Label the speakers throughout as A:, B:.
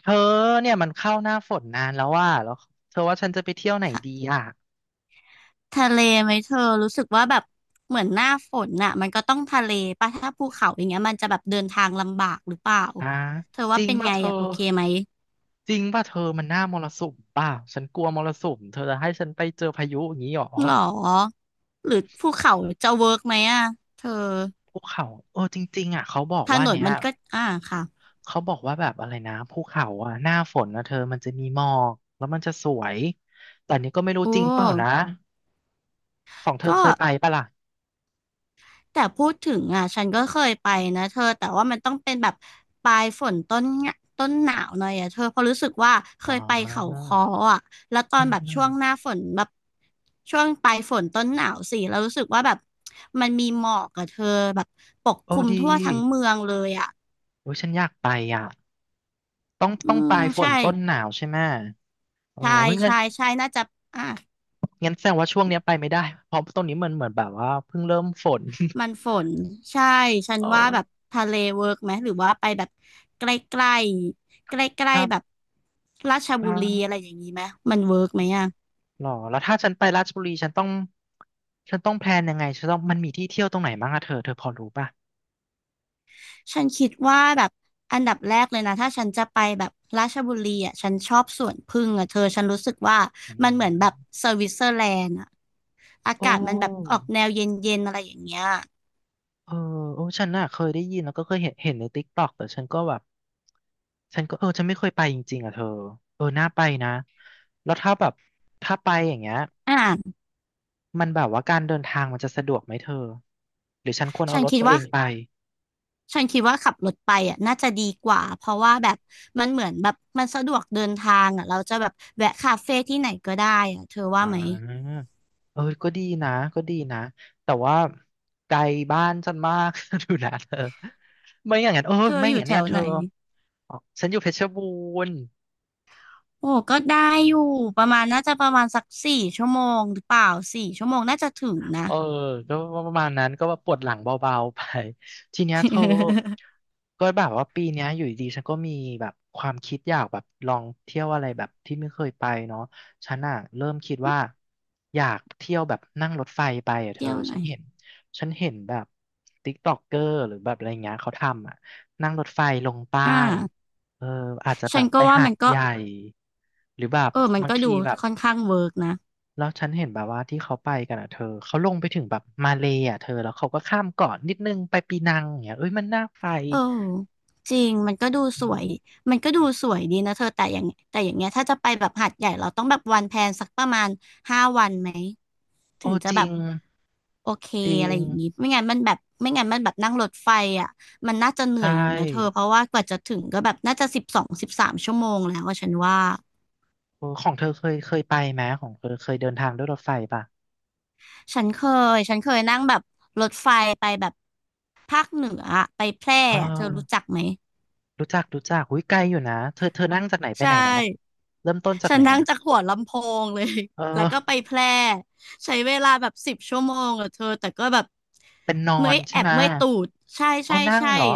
A: เธอเนี่ยมันเข้าหน้าฝนนานแล้วว่าแล้วเธอว่าฉันจะไปเที่ยวไหน
B: ทะ
A: ดีอ่ะ
B: ทะเลไหมเธอรู้สึกว่าแบบเหมือนหน้าฝนน่ะมันก็ต้องทะเลป่ะถ้าภูเขาอย่างเงี้ยมันจะแบบเดินทางลำบากหรือเปล่า
A: อ่ะ
B: เธอ
A: จ
B: ว่า
A: ริง
B: เป็น
A: ป่ะ
B: ไง
A: เธอ
B: อ่ะโอเคไหม
A: จริงป่ะเธอมันหน้ามรสุมป่ะฉันกลัวมรสุมเธอจะให้ฉันไปเจอพายุอย่างนี้หรอ
B: หรอหรือภูเขาจะเวิร์กไหมอ่ะเธอ
A: ภูเขาเออจริงๆอ่ะเขาบอก
B: ถ
A: ว่า
B: นน
A: เนี้ย
B: มันก็อ่าค่ะ
A: เขาบอกว่าแบบอะไรนะภูเขาอ่ะหน้าฝนนะเธอมันจะมีหมอกแล้วมันจะสวยแต่อันนี้ก็ไม่รู้
B: โอ
A: จริงเปล่านะ
B: ้
A: ของเธอ
B: ก็
A: เคยไปป่ะล่ะ
B: แต่พูดถึงอ่ะฉันก็เคยไปนะเธอแต่ว่ามันต้องเป็นแบบปลายฝนต้นเนี่ยต้นหนาวหน่อยอ่ะเธอเพราะรู้สึกว่าเค
A: อ๋อ
B: ยไปเขาค้ออ่ะแล้วตอ
A: อื
B: น
A: ม
B: แบบ
A: อืม
B: ช่วงหน้าฝนแบบช่วงปลายฝนต้นหนาวสิแล้วรู้สึกว่าแบบมันมีหมอกกับเธอแบบปก
A: โอ้
B: คลุม
A: ดี
B: ทั่วทั้งเมืองเลยอ่ะ
A: โอ้ยฉันอยากไปอ่ะ ต้อง
B: อื
A: ต้องป
B: ม
A: ลายฝ
B: ใช่
A: นต้นหนาวใช่ไหมเออ
B: ใช่
A: เฮ้ยงั้น
B: ใช่ใช่น่าจะอ่า
A: งั้นแสดงว่าช่วงเนี้ยไปไม่ได้เพราะตรงนี้มันเหมือนแบบว่าเพิ่งเริ่มฝน
B: มันฝนใช่ฉั น
A: เอ
B: ว่า
A: อ
B: แบบทะเลเวิร์กไหมหรือว่าไปแบบใกล้ๆใก
A: ค
B: ล้
A: รั
B: ๆแบบ
A: บ
B: ราช
A: อ่
B: บุรีอะไร
A: า
B: อย่างนี้ไหมมันเวิร์กไหมอ่ะ
A: หรอแล้วถ้าฉันไปราชบุรีฉันต้องแพลนยังไงฉันต้องมันมีที่เที่ยวตรงไหนบ้างอะเธอพอรู้ป่ะ
B: ฉันคิดว่าแบบอันดับแรกเลยนะถ้าฉันจะไปแบบราชบุรีอ่ะฉันชอบสวนผึ้งอ่ะเธอฉันรู้สึกว่า
A: อื
B: มันเหมือนแบบ
A: ม
B: สวิตเซอร์แลนด์อ่ะอากา
A: โอ้
B: ศมันแบบออกแนวเย็นๆอะไรอย่างเงี้ย
A: เออโอ้ฉันน่ะเคยได้ยินแล้วก็เคยเห็นในติ๊กต็อกแต่ฉันก็แบบฉันก็ฉันไม่เคยไปจริงๆอ่ะเธอเออน่าไปนะแล้วถ้าแบบถ้าไปอย่างเงี้ย
B: อ่า
A: มันแบบว่าการเดินทางมันจะสะดวกไหมเธอหรือฉันควรเอา
B: ฉัน
A: รถ
B: คิด
A: ตัวเอ
B: ว่า
A: งไป
B: ฉันคิดว่าขับรถไปอ่ะน่าจะดีกว่าเพราะว่าแบบมันเหมือนแบบมันสะดวกเดินทางอ่ะเราจะแบบแวะคาเฟ่ที่ไหนก็ได้อ่ะเธอว่า
A: อ่
B: ไหม
A: าเออก็ดีนะก็ดีนะ แต่ว่าไกลบ้านฉันมาก ดูนะเธอไม่อย่างนั้นเออ
B: เธอ
A: ไม่
B: อ
A: อย่า
B: ยู่
A: งนั้น
B: แถ
A: เนี่ย
B: ว
A: เธ
B: ไหน
A: อฉันอยู่เพชรบูรณ์
B: โอ้ก็ได้อยู่ประมาณน่าจะประมาณสักสี่ชั่วโมงหรือเปล่าสี่ชั่วโมงน่าจะถึงนะ
A: เออก็ประมาณนั้นก็ว่าปวดหลังเบาๆไปทีเนี้ยเธอ ก็แบบว่าปีเนี้ยอยู่ดีๆฉันก็มีแบบความคิดอยากแบบลองเที่ยวอะไรแบบที่ไม่เคยไปเนาะฉันอ่ะเริ่มคิดว่าอยากเที่ยวแบบนั่งรถไฟไปอ่ะเธอ
B: เที่ยวไหน
A: ฉันเห็นแบบติ๊กต็อกเกอร์หรือแบบอะไรเงี้ยเขาทำอ่ะนั่งรถไฟลงใต้
B: อ่า
A: เอออาจจะแบ
B: ฉัน
A: บไป
B: ก็ว่า
A: หา
B: มั
A: ด
B: นก็
A: ใหญ่หรือแบบ
B: เออมัน
A: บาง
B: ก็ดู
A: ทีแบบ
B: ค่อนข้างเวิร์กนะ
A: แล้วฉันเห็นแบบว่าที่เขาไปกันอ่ะเธอเขาลงไปถึงแบบมาเลยอ่ะเธอแล้วเขาก็ข้ามเกาะนิดนึงไปปีนังอย่างเงี้ยเอ้ยมันน่าไป
B: เออจริงมันก็ดู
A: อื
B: สวย
A: ม
B: มันก็ดูสวยดีนะเธอแต่อย่างเงี้ยถ้าจะไปแบบหาดใหญ่เราต้องแบบวันแพลนสักประมาณ5 วันไหม
A: โอ้
B: ถึงจะ
A: จ
B: แบ
A: ริ
B: บ
A: ง
B: โอเค
A: จริ
B: อะไร
A: ง
B: อย่างงี้ไม่งั้นมันแบบไม่งั้นมันแบบนั่งรถไฟอ่ะมันน่าจะเห
A: ใช
B: นื่อยอยู่นะเธอ
A: ่
B: เพราะว่ากว่าจะถึงก็แบบน่าจะ12 13 ชั่วโมงแล้วอะฉันว่า
A: โอ้ของเธอเคยไปไหมของเธอเคยเดินทางด้วยรถไฟป่ะ
B: ฉันเคฉันเคยนั่งแบบรถไฟไปแบบภาคเหนืออะไปแพร่
A: เอ
B: อะเธอรู้
A: อ
B: จักไหม
A: รู้จักอุ้ยไกลอยู่นะเธอเธอนั่งจากไหนไป
B: ใช
A: ไหนนะ
B: ่
A: เริ่มต้นจาก
B: ฉั
A: ไห
B: น
A: น
B: นั่ง
A: นะ
B: จากหัวลำโพงเลย
A: เ
B: แล้วก็ไป
A: ออ
B: แพร่ใช้เวลาแบบ10 ชั่วโมงอะเธอ แต่ก็แบบ
A: เป็นนอ
B: เมื่อ
A: น
B: ยแอ
A: ใช่
B: บ
A: ไหมะ
B: เมื่อยตูด ใช่
A: เอา
B: ใช่
A: นั่ง
B: ใช่
A: เหรอ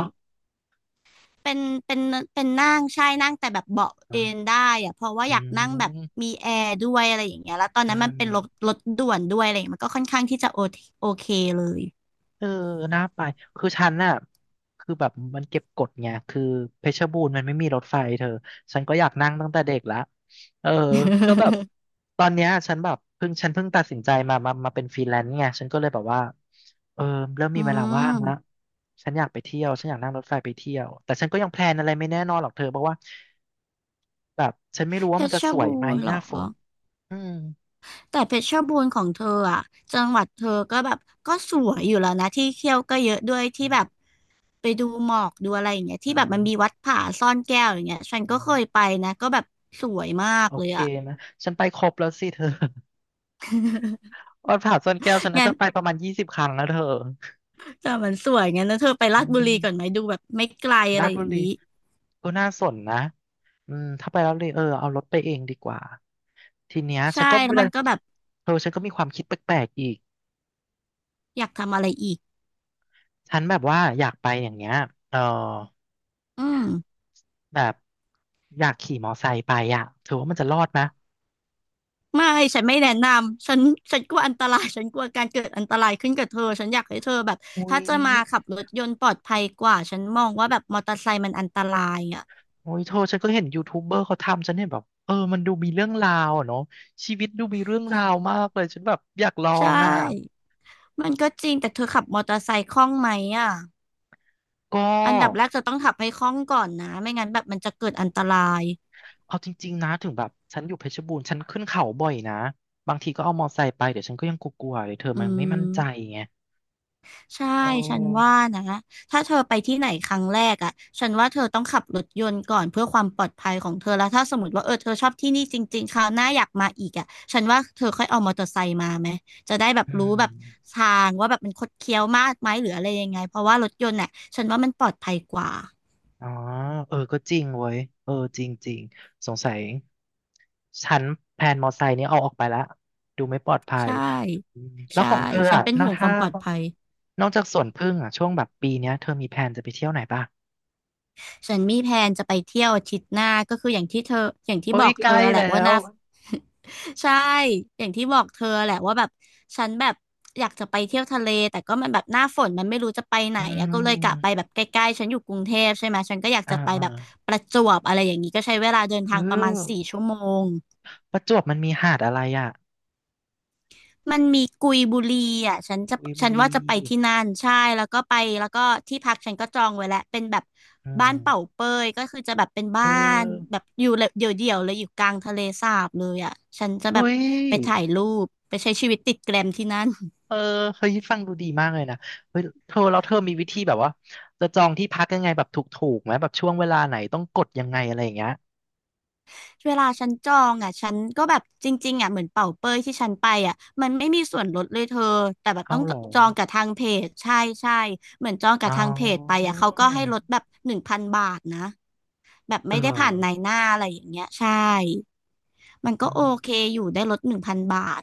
B: เป็นเป็นเป็นนั่งใช่นั่งแต่แบบเบาะเอน
A: อ่า
B: ได้อะเพราะว่า
A: อื
B: อยากนั่งแบบ
A: ม
B: มีแอร์ด้วยอะไรอย่างเงี้ยแล้วตอน
A: เอ
B: นั้นมันเป็นรถ
A: อ
B: รถด่วนด้วยอะไรอย่างเงี้ยมันก็ค่อนข้างที่จะโอเคโอเคเลย
A: เออน่าไปคือฉันน่ะคือแบบมันเก็บกดไงคือเพชรบูรณ์มันไม่มีรถไฟเธอฉันก็อยากนั่งตั้งแต่เด็กละเออก็แบบ ตอนเนี้ยฉันเพิ่งตัดสินใจมาเป็นฟรีแลนซ์ไงฉันก็เลยแบบว่าเออเริ่ม
B: อื
A: มีเวลาว่างละ
B: ม
A: ฉันอยากไปเที่ยวฉันอยากนั่งรถไฟไปเที่ยวแต่ฉันก็ยังแพลนอะไรไม่แน่นอนหรอกเธอเพราะว่าแบบฉันไม่รู้
B: เพ
A: ว่ามันจะ
B: ชร
A: สว
B: บู
A: ยไหม
B: รณ์
A: ห
B: เหรอ
A: น้าฝนอืม
B: แต่เพชรบูรณ์ของเธออ่ะจังหวัดเธอก็แบบก็สวยอยู่แล้วนะที่เที่ยวก็เยอะด้วยที่แบบ ไปดูหมอกดูอะไรอย่างเงี้ยที่
A: อ่
B: แบบมั
A: า
B: นมีวัดผาซ่อนแก้วอย่างเงี้ยฉัน
A: อื
B: ก็เคย
A: ม
B: ไปนะก็แบบสวยมาก
A: โอ
B: เลย
A: เค
B: อะ
A: นะ ฉันไปครบแล้วสิเธอ วัดผาซ่อนแก้วฉันน่า
B: งั้น
A: จะไปประมาณ20ครั้งแล้วเธอ
B: แต่มันสวยงั้นนะเธอไปลา
A: อื
B: ดบุรีก่อนไหม
A: ม
B: ดูแบบไม่ไกลอะ
A: รา
B: ไร
A: ช
B: อ
A: บุ
B: ย่าง
A: รี
B: นี้
A: ก็น่าสนนะอืมถ้าไปแล้วเลยเออเอารถไปเองดีกว่าทีเนี้ยฉั
B: ใช่
A: นก็
B: แล้
A: ดูั
B: ว
A: ล
B: มันก็แบบ
A: เธอฉันก็มีความคิดแปลกๆอีก
B: อยากทำอะไรอีก
A: ฉันแบบว่าอยากไปอย่างเงี้ยเออ
B: อืม
A: แบบอยากขี่มอไซค์ไปอ่ะเธอว่ามันจะรอดไหม
B: ไม่ฉันไม่แนะนำฉันฉันกลัวอันตรายฉันกลัวการเกิดอันตรายขึ้นกับเธอฉันอยากให้เธอแบบ
A: อุ้
B: ถ้า
A: ย
B: จะมาขับรถยนต์ปลอดภัยกว่าฉันมองว่าแบบมอเตอร์ไซค์มันอันตรายอ่ะ
A: โอ้ยเธอฉันก็เห็นยูทูบเบอร์เขาทำฉันเห็นแบบเออมันดูมีเรื่องราวอะเนาะชีวิตดูมีเรื่องราวมากเลยฉันแบบอยากลอ
B: ใช
A: งอ่ะ
B: ่มันก็จริงแต่เธอขับมอเตอร์ไซค์คล่องไหมอ่ะ
A: ก็
B: อันดับแรกจะต้องขับให้คล่องก่อนนะไม่งั้นแบบมันจะเกิดอันตราย
A: เอาจริงๆนะถึงแบบฉันอยู่เพชรบูรณ์ฉันขึ้นเขาบ่อยนะบางทีก็เอามอไซค์ไปเดี๋ยวฉันก็ยังกลัวๆเลยเธอ
B: อื
A: มันไม่มั่นใจ
B: ม
A: ไง
B: ใช่
A: เอ
B: ฉัน
A: อ
B: ว่านะถ้าเธอไปที่ไหนครั้งแรกอ่ะฉันว่าเธอต้องขับรถยนต์ก่อนเพื่อความปลอดภัยของเธอแล้วถ้าสมมติว่าเออเธอชอบที่นี่จริงๆคราวหน้าอยากมาอีกอ่ะฉันว่าเธอค่อยเอามอเตอร์ไซค์มาไหมจะได้แบบ
A: อื
B: รู้
A: ม
B: แบบทางว่าแบบมันคดเคี้ยวมากไหมหรืออะไรยังไงเพราะว่ารถยนต์เน่ะฉันว่ามันปลอดภัยกว่า
A: อ๋อเออก็จริงเว้ยเออจริงๆสงสัยฉันแพลนมอไซค์นี้เอาออกไปละดูไม่ปลอดภัย
B: ใช่
A: อืมแล้ว
B: ใช่
A: ของเธอ
B: ฉัน
A: อ่ะ
B: เป็น
A: นอ
B: ห่
A: ก
B: วงควา
A: ถ้า
B: มปลอดภัย
A: นอกจากสวนผึ้งอ่ะช่วงแบบปีเนี้ยเธอมีแพลนจะไปเที่ยวไหนป่ะ
B: ฉันมีแพลนจะไปเที่ยวอาทิตย์หน้าก็คืออย่างที่เธออย่างที่
A: เฮ้
B: บ
A: ย
B: อก
A: ใก
B: เธ
A: ล้
B: อแห
A: แล้
B: ละว่าห
A: ว
B: น้า ใช่อย่างที่บอกเธอแหละว่าแบบฉันแบบอยากจะไปเที่ยวทะเลแต่ก็มันแบบหน้าฝนมันไม่รู้จะไปไหน
A: อื
B: อะก็เลยกะไป
A: ม
B: แบบใกล้ๆฉันอยู่กรุงเทพใช่ไหมฉันก็อยาก
A: อ่า
B: จะไป
A: อ่า
B: แบบประจวบอะไรอย่างนี้ก็ใช้เวลาเดิน
A: คื
B: ทา
A: อ
B: งประมาณสี่ชั่วโมง
A: ประจวบมันมีหาดอะไรอ่ะ
B: มันมีกุยบุรีอ่ะฉันจะ
A: กุยบุ
B: ฉันว่า
A: รี
B: จะไปที่นั่น ใช่ แล้วก็ไปแล้วก็ที่พักฉันก็จองไว้แล้วเป็นแบบ
A: อื
B: บ้า
A: ม
B: นเป่าเปยก็คือจะแบบเป็น
A: เอ
B: บ้านแบ
A: อ
B: บอยู่เลยเดี่ยวเดี่ยวเลยอยู่กลางทะเลสาบเลยอ่ะฉันจะแบบ
A: เฮ้ย
B: ไปถ่ายรูป ไปใช้ชีวิตติดแกรมที่นั่น
A: เออเฮ้ยฟังดูดีมากเลยนะเฮ้ยเธอแล้วเธอมีวิธีแบบว่าจะจองที่พักยังไงแบบถูกๆไหมแบบช่วงเวลาไหนต้องกดยังไงอะไรอย่างเงี้ย
B: เวลาฉันจองอ่ะฉันก็แบบจริงๆอ่ะเหมือนเป่าเปยที่ฉันไปอ่ะมันไม่มีส่วนลดเลยเธอ แต่แบบ
A: เอา
B: ต้อง
A: เหรอ
B: จองกับทางเพจใช่ใช่เหมือนจองกับ
A: เอา
B: ทางเพจไปอ่ะเขาก็ให้ลดแบบหนึ่งพันบาทนะ แบบ
A: เอ
B: ไม่ได้ผ่านนาย
A: อ
B: หน้าอะไรอย่างเงี้ยใช่ มันก็
A: อืม
B: โอเคอยู่ได้ลดหนึ่งพันบาท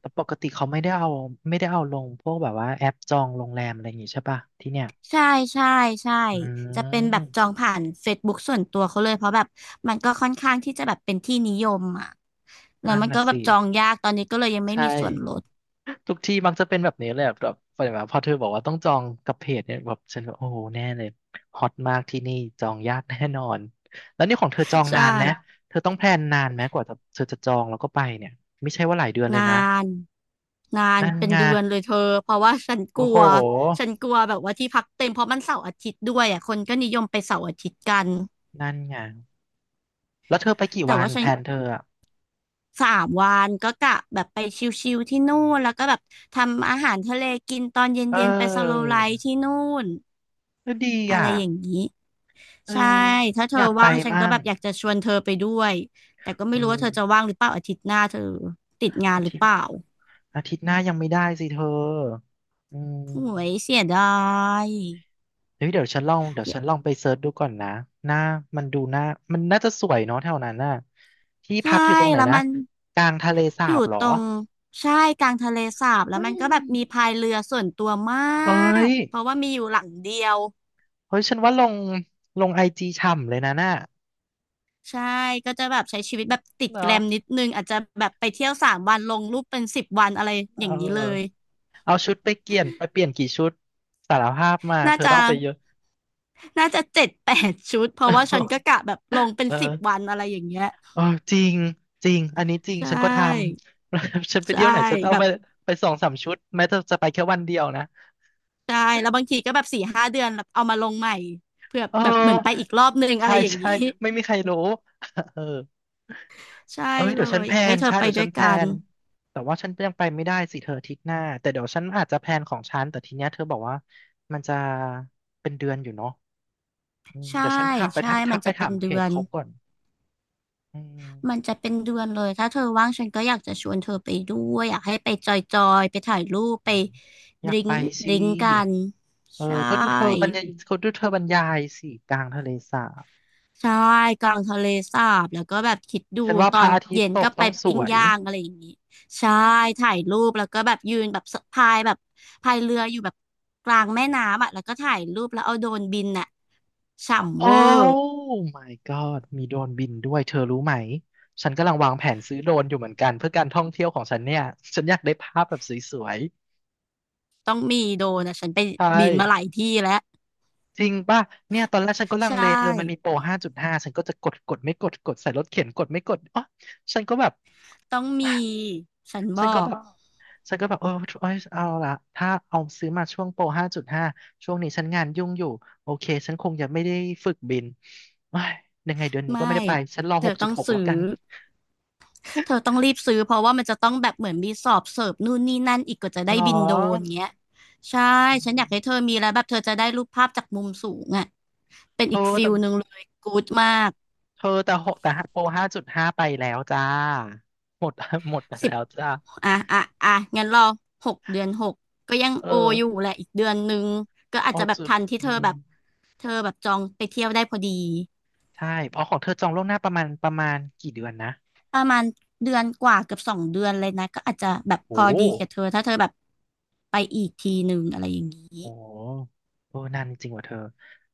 A: แต่ปกติเขาไม่ได้เอาลงพวกแบบว่าแอปจองโรงแรมอะไรอย่างงี้ใช่ป่ะที่เนี่ย
B: ใช่ใช่ใช่
A: อื
B: จะเป็นแบบจอ
A: ม
B: งผ่านเฟซบุ๊กส่วนตัวเขาเลยเพราะแบบมันก็ค่อนข้างที่จะแบบเป็นที่นิยมอ่ะแล้ว
A: นั่น
B: มันก็
A: น่ะ
B: แบบ
A: สิ
B: จองยากตอนไม่
A: ใช่
B: มีส่วนลด
A: ทุกที่มักจะเป็นแบบนี้เลยอะแบบแบบพอเธอบอกว่าต้องจองกับเพจเนี่ยแบบฉันก็โอ้โหแน่เลยฮอตมากที่นี่จองยากแน่นอนแล้วนี่ของเธอจอง
B: ใช
A: นานไหม
B: ่
A: เธอต้องแพลนนานไหมกว่าจะเธอจะจองแล้วก็ไปเนี่ยไม่ใช่ว่าหลายเดือนเล
B: นา
A: ยนะ
B: นนาน
A: นั่น
B: เป็น
A: ไง
B: เดือนเลยเธอเพราะว่าฉันก
A: โอ้
B: ลั
A: โห
B: วฉันกลัวแบบว่าที่พักเต็มเพราะมันเสาร์อาทิตย์ด้วยอ่ะคนก็นิยมไปเสาร์อาทิตย์กัน
A: นั่นไงแล้วเธอไปกี่
B: แต่
A: วัน
B: ว่าฉั
A: แพ
B: น
A: ลนเธออะ
B: สามวันก็กะแบบไปชิลๆที่นู่นแล้วก็แบบทำอาหารทะเลกินตอนเ
A: เ
B: ย็นๆไปสโล
A: ออ
B: ว์ไลฟ์ที่นู่น
A: ก็ดี
B: อะไร
A: อ่ะ
B: อย่างนี้
A: เออ
B: ใช่ถ้าเธ
A: อ
B: อ
A: ยากไป
B: ว่างฉัน
A: มั่
B: ก็
A: ง
B: แบบอยากจะชวนเธอไปด้วยแต่ก็ไม่
A: เอ
B: รู้ว่าเธอจะ
A: อ
B: ว่างหรือเปล่าอาทิตย์หน้าเธอติดงาน
A: อา
B: หรือ
A: ทิต
B: เป
A: ย์
B: ล่า
A: อาทิตย์หน้ายังไม่ได้สิเธออื
B: โอ้ย
A: ม
B: เสียดาย
A: เฮ้ยเดี๋ยวฉันลองเดี๋ยวฉันลองไปเซิร์ชดูก่อนนะหน้ามันดูหน้ามันน่าจะสวยเนาะแถวนั้นน่ะที่
B: ใช่
A: พักอยู่ตรงไหน
B: แล้ว
A: นะ
B: มัน
A: กลางทะเลสา
B: อยู่
A: บเหรอ
B: ตรงใช่กลางทะเลสาบแล้ว
A: เฮ้
B: มั
A: ย
B: นก็แบบมีพายเรือส่วนตัวมา
A: เอ้
B: ก
A: ย
B: เพราะว่ามีอยู่หลังเดียว
A: เฮ้ยฉันว่าลงไอจีฉ่ำเลยนะน่ะ
B: ใช่ก็จะแบบใช้ชีวิตแบบติดแก
A: เนาะ
B: รมนิดนึงอาจจะแบบไปเที่ยวสามวันลงรูปเป็นสิบวันอะไร
A: เ
B: อย่างนี้เลย
A: ออเอาชุดไปเปลี่ยนไปเปลี่ยนกี่ชุดสารภาพมา
B: น่า
A: เธอ
B: จะ
A: ต้องไปเยอะ
B: น่าจะ7-8 ชุดเพราะว่าฉันก็ กะแบบลงเป็น
A: เอ
B: สิบวั
A: อ
B: นอะไรอย่างเงี้ย
A: เออจริงจริงอันนี้จริง
B: ใช
A: ฉันก็ท
B: ่
A: ำ ฉันไป
B: ใช่
A: เที่ยวไหนฉันเอา
B: แบ
A: ไป
B: บ
A: ไปสองสามชุดแม้จะไปแค่วันเดียวนะ
B: ใช่แล้วบางทีก็แบบ4-5 เดือนแบบเอามาลงใหม่เพื่อ
A: เอ
B: แบบเหมือนไปอี
A: อ
B: กรอบนึงอะ
A: ใช่
B: ไรอย่าง
A: ใช่
B: นี้
A: ไม่มีใครรู้ เออ
B: ใช่
A: เอ้ย
B: เล
A: เดี๋ยวฉั
B: ย
A: นแพ
B: อ
A: ล
B: ยากให้
A: น
B: เธอ
A: ใช่
B: ไป
A: เดี๋ยว
B: ด้
A: ฉั
B: ว
A: น
B: ย
A: แพล
B: กัน
A: นแต่ว่าฉันยังไปไม่ได้สิเธออาทิตย์หน้าแต่เดี๋ยวฉันอาจจะแพลนของฉันแต่ทีเนี้ยเธอบอกว่ามันจะเป็นเดือนอยู่เนาะอืม
B: ใช่
A: เดี๋ยวฉันทักไป
B: ใช่
A: ทักทั
B: มัน
A: กไป
B: จะเป็
A: ถา
B: น
A: มเพ
B: เดื
A: จ
B: อน
A: เขาก่อนอื
B: มัน
A: ม
B: จะเป็นเดือนเลยถ้าเธอว่างฉันก็อยากจะชวนเธอไปด้วย อยากให้ไปจอยๆไปถ่ายรูป
A: อื
B: ไป
A: มอ
B: ด
A: ยาก
B: ริง
A: ไป
B: ด
A: สิ
B: ริงกัน
A: เออ
B: ใช
A: ก็ดูเธอบร
B: ่
A: รยายเขาดูเธอบรรยายสิกลางทะเลสาบ
B: ใช่กลางทะเลสาบ แล้วก็แบบคิดดู
A: ฉันว่า
B: ต
A: พ
B: อ
A: ระ
B: น
A: อาทิต
B: เย็
A: ย์
B: น
A: ตก
B: ก็ไป
A: ต้องส
B: ปิ้ง
A: วย
B: ย่างอะไรอย่างนี้ใช่ถ่ายรูปแล้วก็แบบยืนแบบสะพายแบบพายเรืออยู่แบบกลางแม่น้ำอ่ะแล้วก็ถ่ายรูปแล้วเอาโดรนบินอ่ะฉ่ำ
A: โอ
B: เวอร์
A: ้ my god มีโดรนบินด้วยเธอรู้ไหมฉันกำลังวางแผนซื้อโดรนอยู่เหมือนกันเพื่อการท่องเที่ยวของฉันเนี่ยฉันอยากได้ภาพแบบสวย
B: ต้องมีโดรนอ่ะฉันไป
A: ๆใช่
B: บินมาหลายที่แล้ว
A: จริงป่ะเนี่ยตอนแรกฉันก็ลังเล
B: ใช่
A: เธอมันมีโปร5.5ฉันก็จะกดกดไม่กดกดใส่รถเข็นกดไม่กดอ๋อฉันก็แบบ
B: ต้องมี ฉัน บ
A: ฉั
B: อ
A: นก็แบ
B: ก
A: บ ฉันก็แบบเออเอ้ยเอาละถ้าเอาซื้อมาช่วงโปร5.5ช่วงนี้ฉันงานยุ่งอยู่โอเคฉันคงจะไม่ได้ฝึกบินเอ้ยยังไงเดือนนี้ก็
B: ไม่
A: ไม่ได้ไปฉันรอ
B: เธอต้อง
A: 6.6
B: ซื้
A: แล้ว
B: อ
A: กัน
B: เธอต้องรีบซื้อเพราะว่ามันจะต้องแบบเหมือนมีสอบเสิร์ฟนู่นนี่นั่นอีกกว่าจะได้
A: หรอ
B: บินโดรนเงี้ย ใช่
A: อื
B: ฉันอ
A: ม
B: ยากให้เธอมีแล้วแบบเธอจะได้รูปภาพจากมุมสูงอ่ะเป็น
A: เธ
B: อี
A: อ
B: กฟิ
A: แต่
B: ลหนึ่งเลยกู๊ดมาก
A: เธอแต่หกแต่โปรห้าจุดห้าไปแล้วจ้าหมด หมดไป
B: สิ
A: แล้
B: บ
A: วจ้า
B: อ่ะอ่ะอ่ะงั้นรอหกเดือนหกก็ยัง
A: เออ
B: โออยู่แหละอีกเดือนนึงก็อาจ
A: ห
B: จะ
A: ก
B: แบบ
A: จุด
B: ทันที่
A: อื
B: เธอ
A: ม
B: แบบเธอแบบจองไปเที่ยวได้พอดี
A: ใช่เพราะของเธอจองล่วงหน้าประมาณกี่เดือนนะ
B: ประมาณเดือนกว่าเกือบ2 เดือนเลยนะก็อาจจะแบบพ
A: โอ้
B: อ
A: โ
B: ดีกับเธอถ้าเธอแบบ ไปอีกทีหนึ่งอะไรอย่างนี้
A: หโอ้นานจริงว่ะเธอ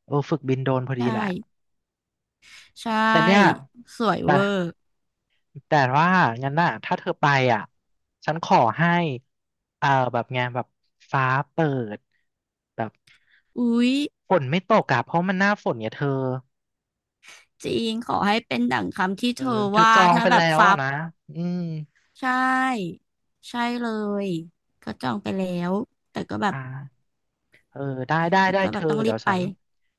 A: เออฝึกบินโดรนพอดี
B: ใช่
A: แหละ
B: ใช
A: แต่เนี่ย
B: ่สวย
A: แต่
B: เวอร์
A: แต่ว่างั้นน่ะถ้าเธอไปอ่ะฉันขอให้เอ่อแบบไงแบบฟ้าเปิดแบบ
B: อุ๊ย
A: ฝนไม่ตกอ่ะเพราะมันหน้าฝนเนี่ยเธอ
B: จริงขอให้เป็นดั่งคำที่
A: เออ
B: เธอ
A: เธอ
B: ว่า
A: จอง
B: ถ้า
A: ไป
B: แบ
A: แล้
B: บ
A: ว
B: ฟั
A: อะ
B: บ
A: นะอืม
B: ใช่ใช่เลยก็จองไปแล้วแต่ก็แบ
A: อ
B: บ
A: ่าเออได้ได้
B: แต่
A: ได้
B: ก็
A: เธ
B: แบบ
A: อ
B: ต้องรี
A: เดี๋ย
B: บ
A: ว
B: ไป
A: ฉัน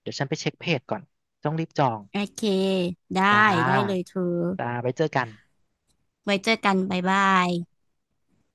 A: เดี๋ยวฉันไปเช็คเพจก่อน ต้องรีบจอง
B: โอเคได้
A: จ้า
B: ได้เลยเธอ
A: จ้าไว้เจอกัน
B: ไว้เจอกันบ๊ายบาย